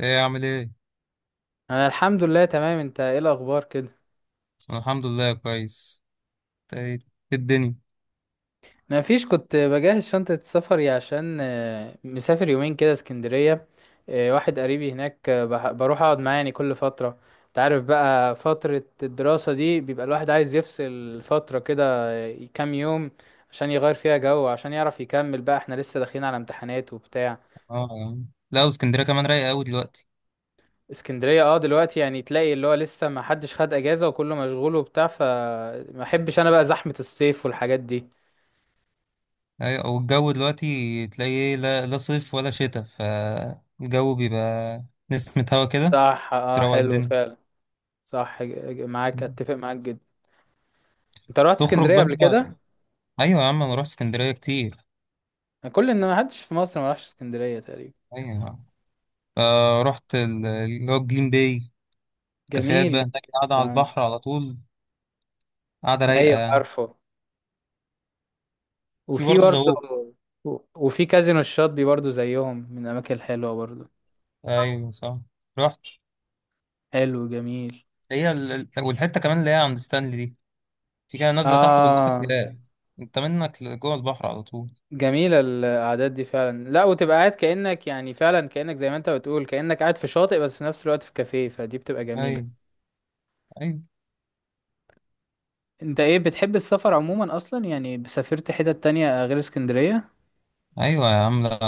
ايه عامل ايه؟ انا الحمد لله، تمام. انت ايه الاخبار كده؟ أنا الحمد لله كويس. إنت ايه إيه الدنيا؟ انا مفيش، كنت بجهز شنطة سفري عشان مسافر يومين كده اسكندرية. واحد قريبي هناك، بروح اقعد معاه يعني كل فترة. انت عارف بقى، فترة الدراسة دي بيبقى الواحد عايز يفصل فترة كده. كام يوم، عشان يغير فيها جو، عشان يعرف يكمل بقى، احنا لسه داخلين على امتحانات وبتاع. اه يا عم. لا، واسكندريه كمان رايقه قوي دلوقتي. اسكندرية دلوقتي يعني تلاقي اللي هو لسه ما حدش خد اجازة وكله مشغول وبتاع، فما احبش انا بقى زحمة الصيف والحاجات دي. ايوه، والجو دلوقتي تلاقي ايه؟ لا, لا صيف ولا شتاء، فالجو بيبقى نسمة هوا كده، صح، اه، تروق حلو الدنيا. فعلا. صح. مم. اتفق معاك جدا. انت رحت تخرج اسكندريه بقى. قبل كده؟ ايوه يا عم، انا رحت اسكندريه كتير. كل ان ما حدش في مصر ما راحش اسكندريه تقريبا. ايوه، آه رحت اللي هو الجليم باي، كافيهات بقى جميل هناك قاعده على جدا. البحر على طول، قاعده آه. رايقه ايوه، يعني. عارفه. في وفي برضه برضه. زوق. وفي كازينو الشاطبي برضه، زيهم من الاماكن الحلوه برضه. ايوه صح، رحت. حلو جميل. هي والحته كمان اللي هي عند ستانلي دي، في كده نازله تحت كلها اه، تفجيرات، انت منك جوه البحر على طول. جميله القعدات دي فعلا. لا، وتبقى قاعد كانك يعني فعلا كانك زي ما انت بتقول، كانك قاعد في شاطئ بس في نفس الوقت في كافيه، فدي بتبقى ايوه، جميله. ايوه. انت ايه، بتحب السفر عموما اصلا؟ يعني سافرت حتت تانية غير اسكندرية؟ ايوه يا عم، لا،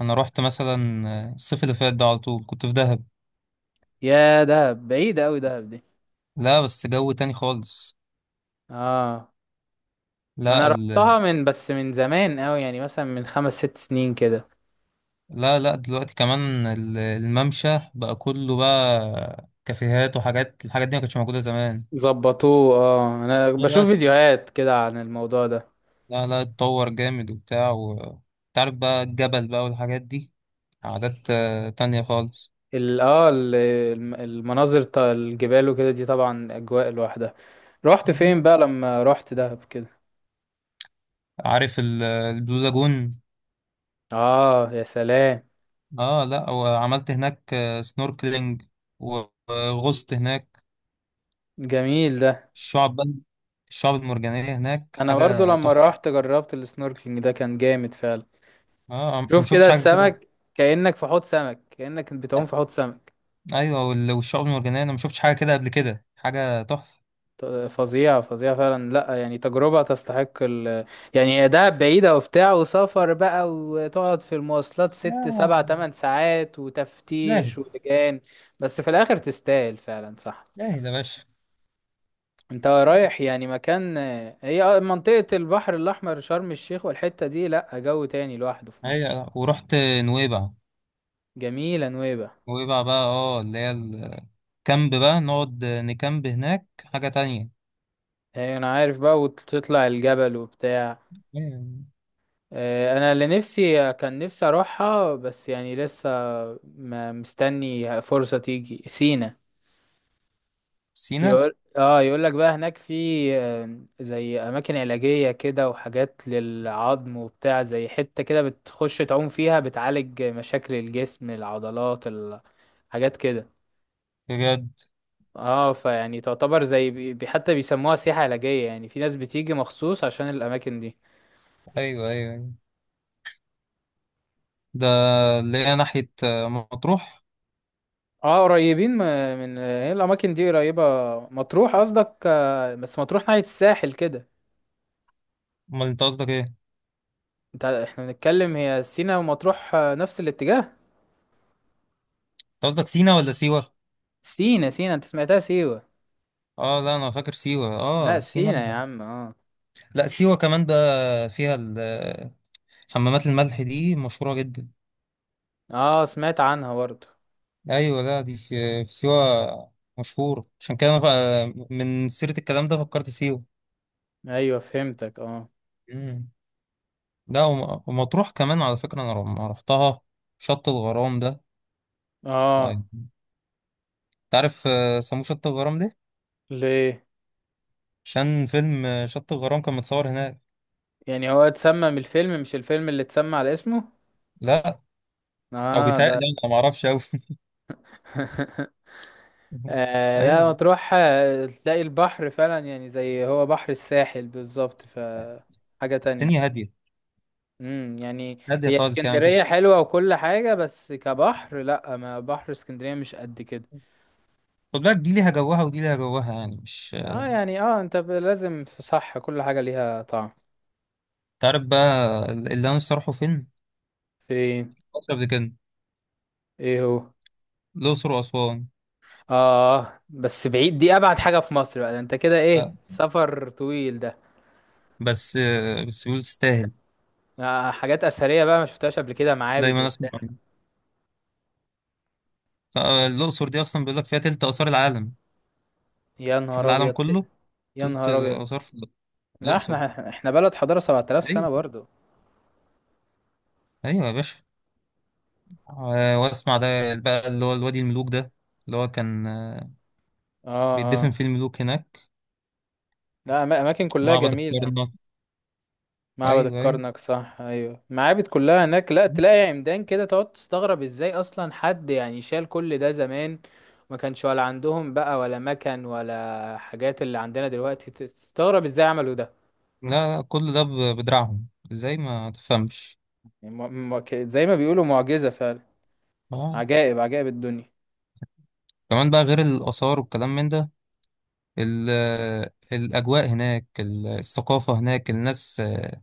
انا رحت مثلا الصيف اللي فات ده على طول كنت في دهب. يا دهب، بعيدة اوي دهب دي. لا، بس جو تاني خالص. اه، انا لا ال... رحتها بس من زمان اوي، يعني مثلا من خمس ست سنين كده. لا لا، دلوقتي كمان الممشى بقى كله بقى كافيهات وحاجات، الحاجات دي ما كانتش موجوده زمان. ظبطوه. اه، انا لا بشوف لا، فيديوهات كده عن الموضوع ده. لا لا، اتطور جامد وبتاع و... تعرف بقى الجبل بقى والحاجات دي، عادات تانية خالص. ال اه ال- الم- المناظر بتاع الجبال وكده دي طبعا اجواء لوحدها. رحت فين بقى لما رحت دهب كده؟ عارف البلو لاجون؟ اه، يا سلام. اه، لا وعملت هناك سنوركلينج، و- وغصت هناك. جميل ده. الشعب بقى، الشعب المرجانية هناك انا برضو حاجة لما تحفة. رحت جربت السنوركلينج ده كان جامد فعلا. اه، أنا ما شوف كده شفتش حاجة كده. السمك، كأنك في حوض سمك، كأنك بتعوم آه، في حوض سمك. ايوه، والشعب المرجانية انا ما شفتش حاجة كده قبل كده، حاجة تحفة. فظيع فظيع فعلا. لا، يعني تجربة تستحق. يعني هي دهب بعيدة وبتاع، وسفر بقى وتقعد في المواصلات ست سبع آه، تمن ساعات سهل. وتفتيش ولجان، بس في الآخر تستاهل فعلا، صح. سهل يا باشا. انت رايح يعني مكان؟ هي منطقة البحر الأحمر، شرم الشيخ والحتة دي، لا، جو تاني لوحده في مصر. ايوه، ورحت نويبع. جميلة نويبة. نويبع بقى، اه اللي هي الكامب بقى، نقعد نكامب هناك حاجة تانية. هي أنا عارف بقى، وتطلع الجبل وبتاع. أيوة. انا اللي نفسي كان نفسي اروحها، بس يعني لسه مستني فرصة تيجي سينا. سينا. يقول لك بقى هناك في زي اماكن علاجية كده، وحاجات للعظم وبتاع، زي حتة كده بتخش تعوم فيها بتعالج مشاكل الجسم، العضلات. حاجات كده. بجد. اه، فيعني تعتبر زي حتى بيسموها سياحة علاجية، يعني في ناس بتيجي مخصوص عشان الاماكن دي. ايوه ايوه أيوة. ده اللي هي ناحية مطروح. اه، قريبين من، هي الاماكن دي قريبه؟ مطروح قصدك؟ بس مطروح ناحيه الساحل كده. امال انت قصدك ايه انت؟ انت، احنا بنتكلم هي سينا ومطروح نفس الاتجاه. قصدك سينا ولا سيوة؟ سينا، سينا، انت سمعتها سيوه؟ اه لا، انا فاكر سيوة. لا، اه سينا. سينا يا عم، اه. لا سيوة كمان بقى فيها حمامات الملح دي مشهورة جدا. اه، سمعت عنها برضه. ايوه، لا دي في سيوة مشهورة، عشان كده أنا من سيرة الكلام ده فكرت سيوة. ايوه، فهمتك، اه. مم. لا، ومطروح كمان على فكرة انا لما رحتها، شط الغرام ده. اه. طيب. انت عارف سموه شط الغرام ليه؟ ليه؟ عشان فيلم شط الغرام كان متصور هناك. يعني هو اتسمى من الفيلم، مش الفيلم اللي اتسمى على اسمه؟ لا، او اه، ده. بيتهيألي انا ما اعرفش قوي. آه، لا، ايوه، مطروح تلاقي البحر فعلا، يعني زي هو بحر الساحل بالظبط، ف. حاجه تانية. الدنيا هادية. يعني. هادية هي خالص، يعني اسكندرية مفيش. حلوة وكل حاجة، بس كبحر لا، ما بحر اسكندرية مش قد كده. خد بالك، دي ليها جوها ودي ليها جوها، يعني مش... اه، يعني، انت لازم في، صح، كل حاجة ليها طعم. تعرف بقى اللي انا نفسي اروحه فين؟ فين؟ فترة قبل كده. ايه هو؟ الأقصر وأسوان. اه، بس بعيد دي، ابعد حاجة في مصر بقى ده، انت كده ايه، آه، سفر طويل ده. بس بس بيقولوا تستاهل. حاجات اثرية بقى ما شفتهاش قبل كده، معابد دايما أسمع وبتاع. عنها. الأقصر دي أصلا بيقول لك فيها تلت آثار العالم. يا شوف، نهار العالم ابيض. كله. يا تلت نهار ابيض. آثار في لا، الأقصر. احنا بلد حضارة 7000 أيوه، سنة برضو. أيوه يا باشا. وأسمع ده بقى اللي هو الوادي الملوك ده، اللي هو كان اه، اه. بيدفن فيه الملوك هناك. لا، اماكن كلها معبد جميلة. الكرنك. معبد أيوه أيوه. الكرنك، صح، ايوه، معابد كلها هناك، لا تلاقي عمدان كده تقعد تستغرب ازاي اصلا حد يعني شال كل ده زمان. ما كانش ولا عندهم بقى، ولا مكن، ولا حاجات اللي عندنا دلوقتي، تستغرب ازاي عملوا ده. لا لا، كل ده بدراعهم، ازاي ما تفهمش. يعني، زي ما بيقولوا معجزة فعلا. اه، عجائب، عجائب الدنيا. كمان بقى غير الآثار والكلام من ده، ال- الأجواء هناك، الثقافة هناك، الناس.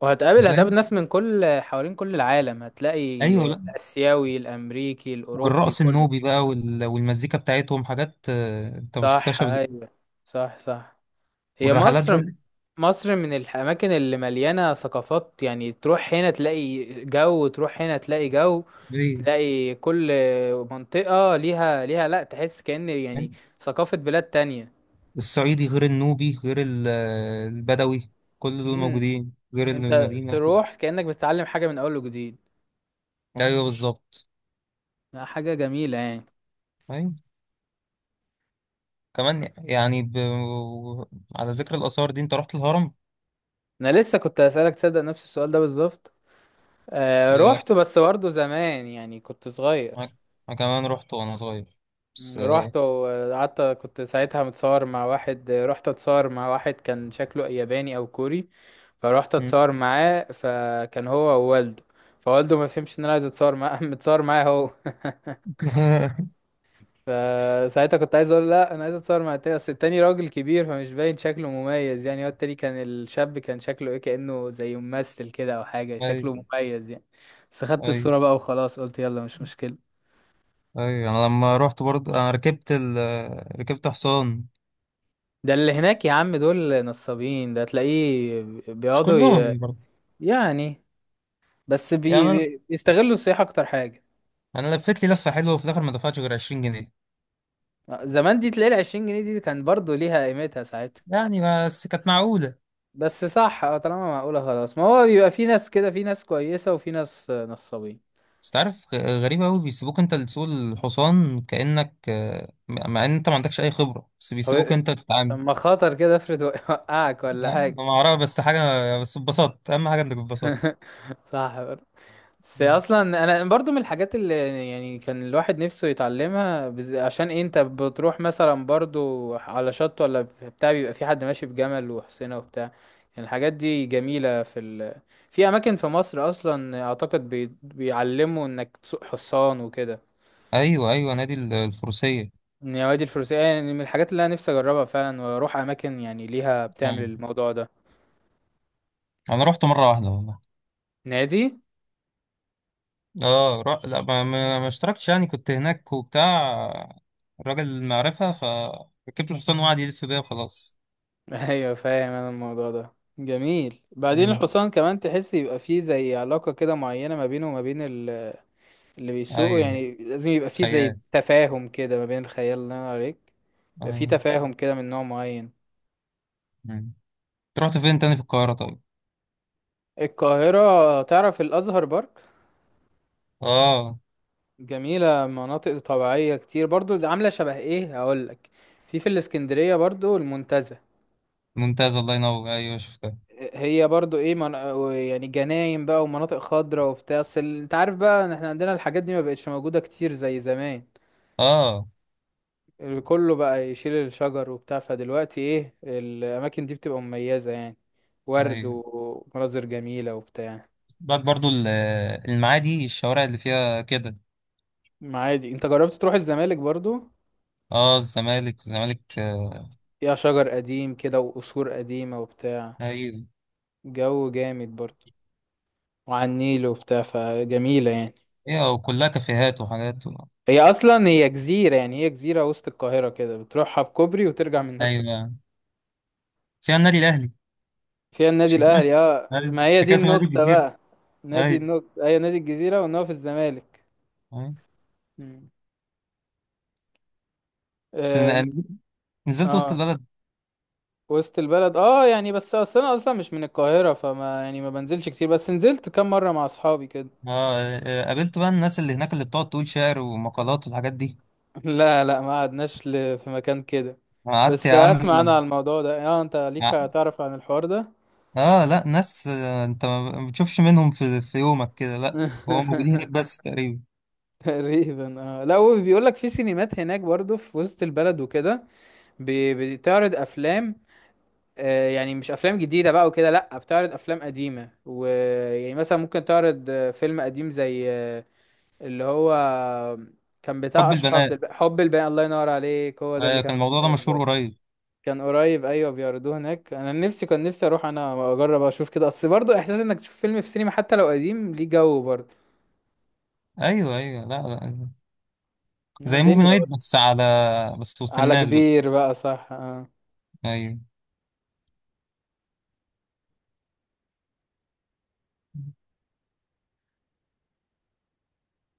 وهتقابل فاهم. ناس من كل حوالين كل العالم، هتلاقي ايوه لا. الآسيوي، الأمريكي، الأوروبي، والرقص كله. النوبي بقى والمزيكا بتاعتهم، حاجات انت ما صح، شفتهاش قبل كده. أيوه. صح، صح. هي والرحلات مصر. بقى، مصر من الأماكن اللي مليانة ثقافات، يعني تروح هنا تلاقي جو، تروح هنا تلاقي جو. الإسكندرية، تلاقي كل منطقة ليها، لأ، تحس كأن، فاهم؟ يعني ثقافة بلاد تانية. الصعيدي غير النوبي غير البدوي، كل دول مم. موجودين غير أنت المدينة. تروح كأنك بتتعلم حاجة من أول وجديد. ايوه بالظبط. لأ، حاجة جميلة يعني. ايوه كمان يعني ب... على ذكر الآثار دي، انت رحت الهرم؟ أنا لسه كنت هسألك، تصدق نفس السؤال ده بالظبط. آه، رحت بس برضه زمان، يعني كنت صغير. أنا، أنا كمان رحت وأنا صغير، بس رحت وقعدت كنت ساعتها متصور مع واحد، رحت اتصور مع واحد كان شكله ياباني أو كوري. فروحت مم. اتصور معاه، فكان هو ووالده. فوالده ما فهمش ان انا عايز اتصور معاه، متصور معاه هو. فساعتها كنت عايز اقول لا، انا عايز اتصور مع التاني، اصل التاني راجل كبير فمش باين شكله مميز، يعني هو التاني كان الشاب، كان شكله ايه، كأنه زي ممثل كده او حاجة، شكله أي مميز يعني. بس خدت أي الصورة بقى وخلاص، قلت يلا مش مشكلة. أي. أنا لما رحت برضه ركبت ركبت حصان. ده اللي هناك يا عم، دول نصابين، ده تلاقيه مش بيقعدوا. كلهم برضه يعني، بس يعني. أنا بيستغلوا السياحة اكتر حاجة. أنا لفيت لي لفة حلوة وفي الآخر ما دفعتش غير 20 جنيه زمان دي تلاقي العشرين جنيه دي كان برضو ليها قيمتها ساعتها. يعني، بس كانت معقولة. بس صح، اه، طالما معقولة خلاص، ما هو بيبقى في ناس كده، في ناس كويسة وفي ناس نصابين. بس تعرف، غريبة أوي بيسيبوك أنت اللي تسوق الحصان كأنك مع إن أنت ما عندكش أي خبرة، بس طب بيسيبوك إيه- أنت تتعامل. اما خاطر كده افرض وقعك، لا، ولا حاجة؟ أنا ما أعرف بس حاجة، بس اتبسطت، أهم حاجة إنك اتبسطت. صح برضه. بس اصلا انا برضو من الحاجات اللي، يعني كان الواحد نفسه يتعلمها. عشان إيه، انت بتروح مثلا برضو على شط ولا بتاع بيبقى في حد ماشي بجمل وحصينة وبتاع. يعني الحاجات دي جميلة. في اماكن في مصر اصلا اعتقد بيعلموا انك تسوق حصان وكده. أيوه أيوه، نادي الفروسية. يا وادي الفلوسية، يعني من الحاجات اللي أنا نفسي أجربها فعلا وأروح أماكن يعني ليها بتعمل الموضوع ده. انا رحت مره واحده والله. نادي. اه، ر... لا، ما اشتركتش، يعني كنت هناك وبتاع، الراجل المعرفه، فركبت الحصان وقعد يلف بيا وخلاص. أيوة، فاهم أنا الموضوع ده. جميل، بعدين ليه. الحصان كمان تحس يبقى فيه زي علاقة كده معينة ما بينه وما بين. اللي بيسوقه، ايوه يعني لازم يبقى فيه زي خيال. تفاهم كده ما بين الخيال اللي أنا عليك، يبقى فيه ايوه. تفاهم كده من نوع معين. مم. رحت فين تاني في القاهره طيب؟ القاهرة، تعرف الأزهر بارك؟ اه جميلة، مناطق طبيعية كتير برضو، عاملة شبه إيه هقولك. في الإسكندرية برضو المنتزه. ممتاز، الله ينور، ايوه شفتها. هي برضو ايه. يعني جناين بقى ومناطق خضراء وبتاع، بس انت عارف بقى ان احنا عندنا الحاجات دي ما بقتش موجودة كتير زي زمان. اه كله بقى يشيل الشجر وبتاع، فدلوقتي ايه، الاماكن دي بتبقى مميزة يعني، ورد ايوه. ومناظر جميلة وبتاع. بعد برضو المعادي، الشوارع اللي فيها كده. ما عادي، انت جربت تروح الزمالك برضو؟ اه الزمالك، الزمالك آه. فيها شجر قديم كده وقصور قديمة وبتاع. ايوه جو جامد برضو، وعلى النيل وبتاع فجميلة يعني. ايوه، وكلها كافيهات وحاجات و... هي اصلا هي جزيره، يعني هي جزيره وسط القاهره كده، بتروحها بكوبري وترجع من نفس. ايوه، فيها النادي الاهلي. فيها النادي عشان كده الاهلي، اه، أيوة، ما هي عشان دي كده اسمها نادي النكته الجزيرة. بقى. نادي أيوه النكته هي نادي الجزيره، وان هو في الزمالك. أيوه. مم. بس اه، أنا انت. نزلت وسط اه، البلد. وسط البلد، يعني بس اصل انا اصلا مش من القاهره، فما يعني ما بنزلش كتير، بس نزلت كام مره مع اصحابي كده. قابلت بقى الناس اللي هناك اللي بتقعد تقول شعر ومقالات والحاجات دي. لا، لا، ما قعدناش في مكان كده. قعدت بس يا عم. اسمع انا على الموضوع ده، اه، انت ليك ع- هتعرف عن الحوار ده. اه لا، ناس انت ما بتشوفش منهم في يومك كده، لا. هو موجودين هناك بس تقريبا. تقريبا، اه، لا هو بيقول لك في سينمات هناك برضو في وسط البلد وكده، بتعرض افلام. يعني مش افلام جديده بقى وكده، لا بتعرض افلام قديمه، ويعني مثلا ممكن تعرض فيلم قديم زي اللي هو كان بتاع حب اشرف عبد البنات. الباقي، حب الباقي، الله ينور عليك، هو ده اللي آه كان كان في الموضوع دماغي ده مشهور بالظبط. قريب. كان قريب، ايوه بيعرضوه هناك، انا نفسي كان نفسي اروح انا واجرب اشوف كده، اصل برضه احساس انك تشوف فيلم في سينما حتى لو قديم ليه جو برضه. ايوه ايوه، لا لا، لا، زي موفي دنيا نايت، برضه. بس على... بس وسط على الناس بقى. كبير بقى، صح، اه. ايوه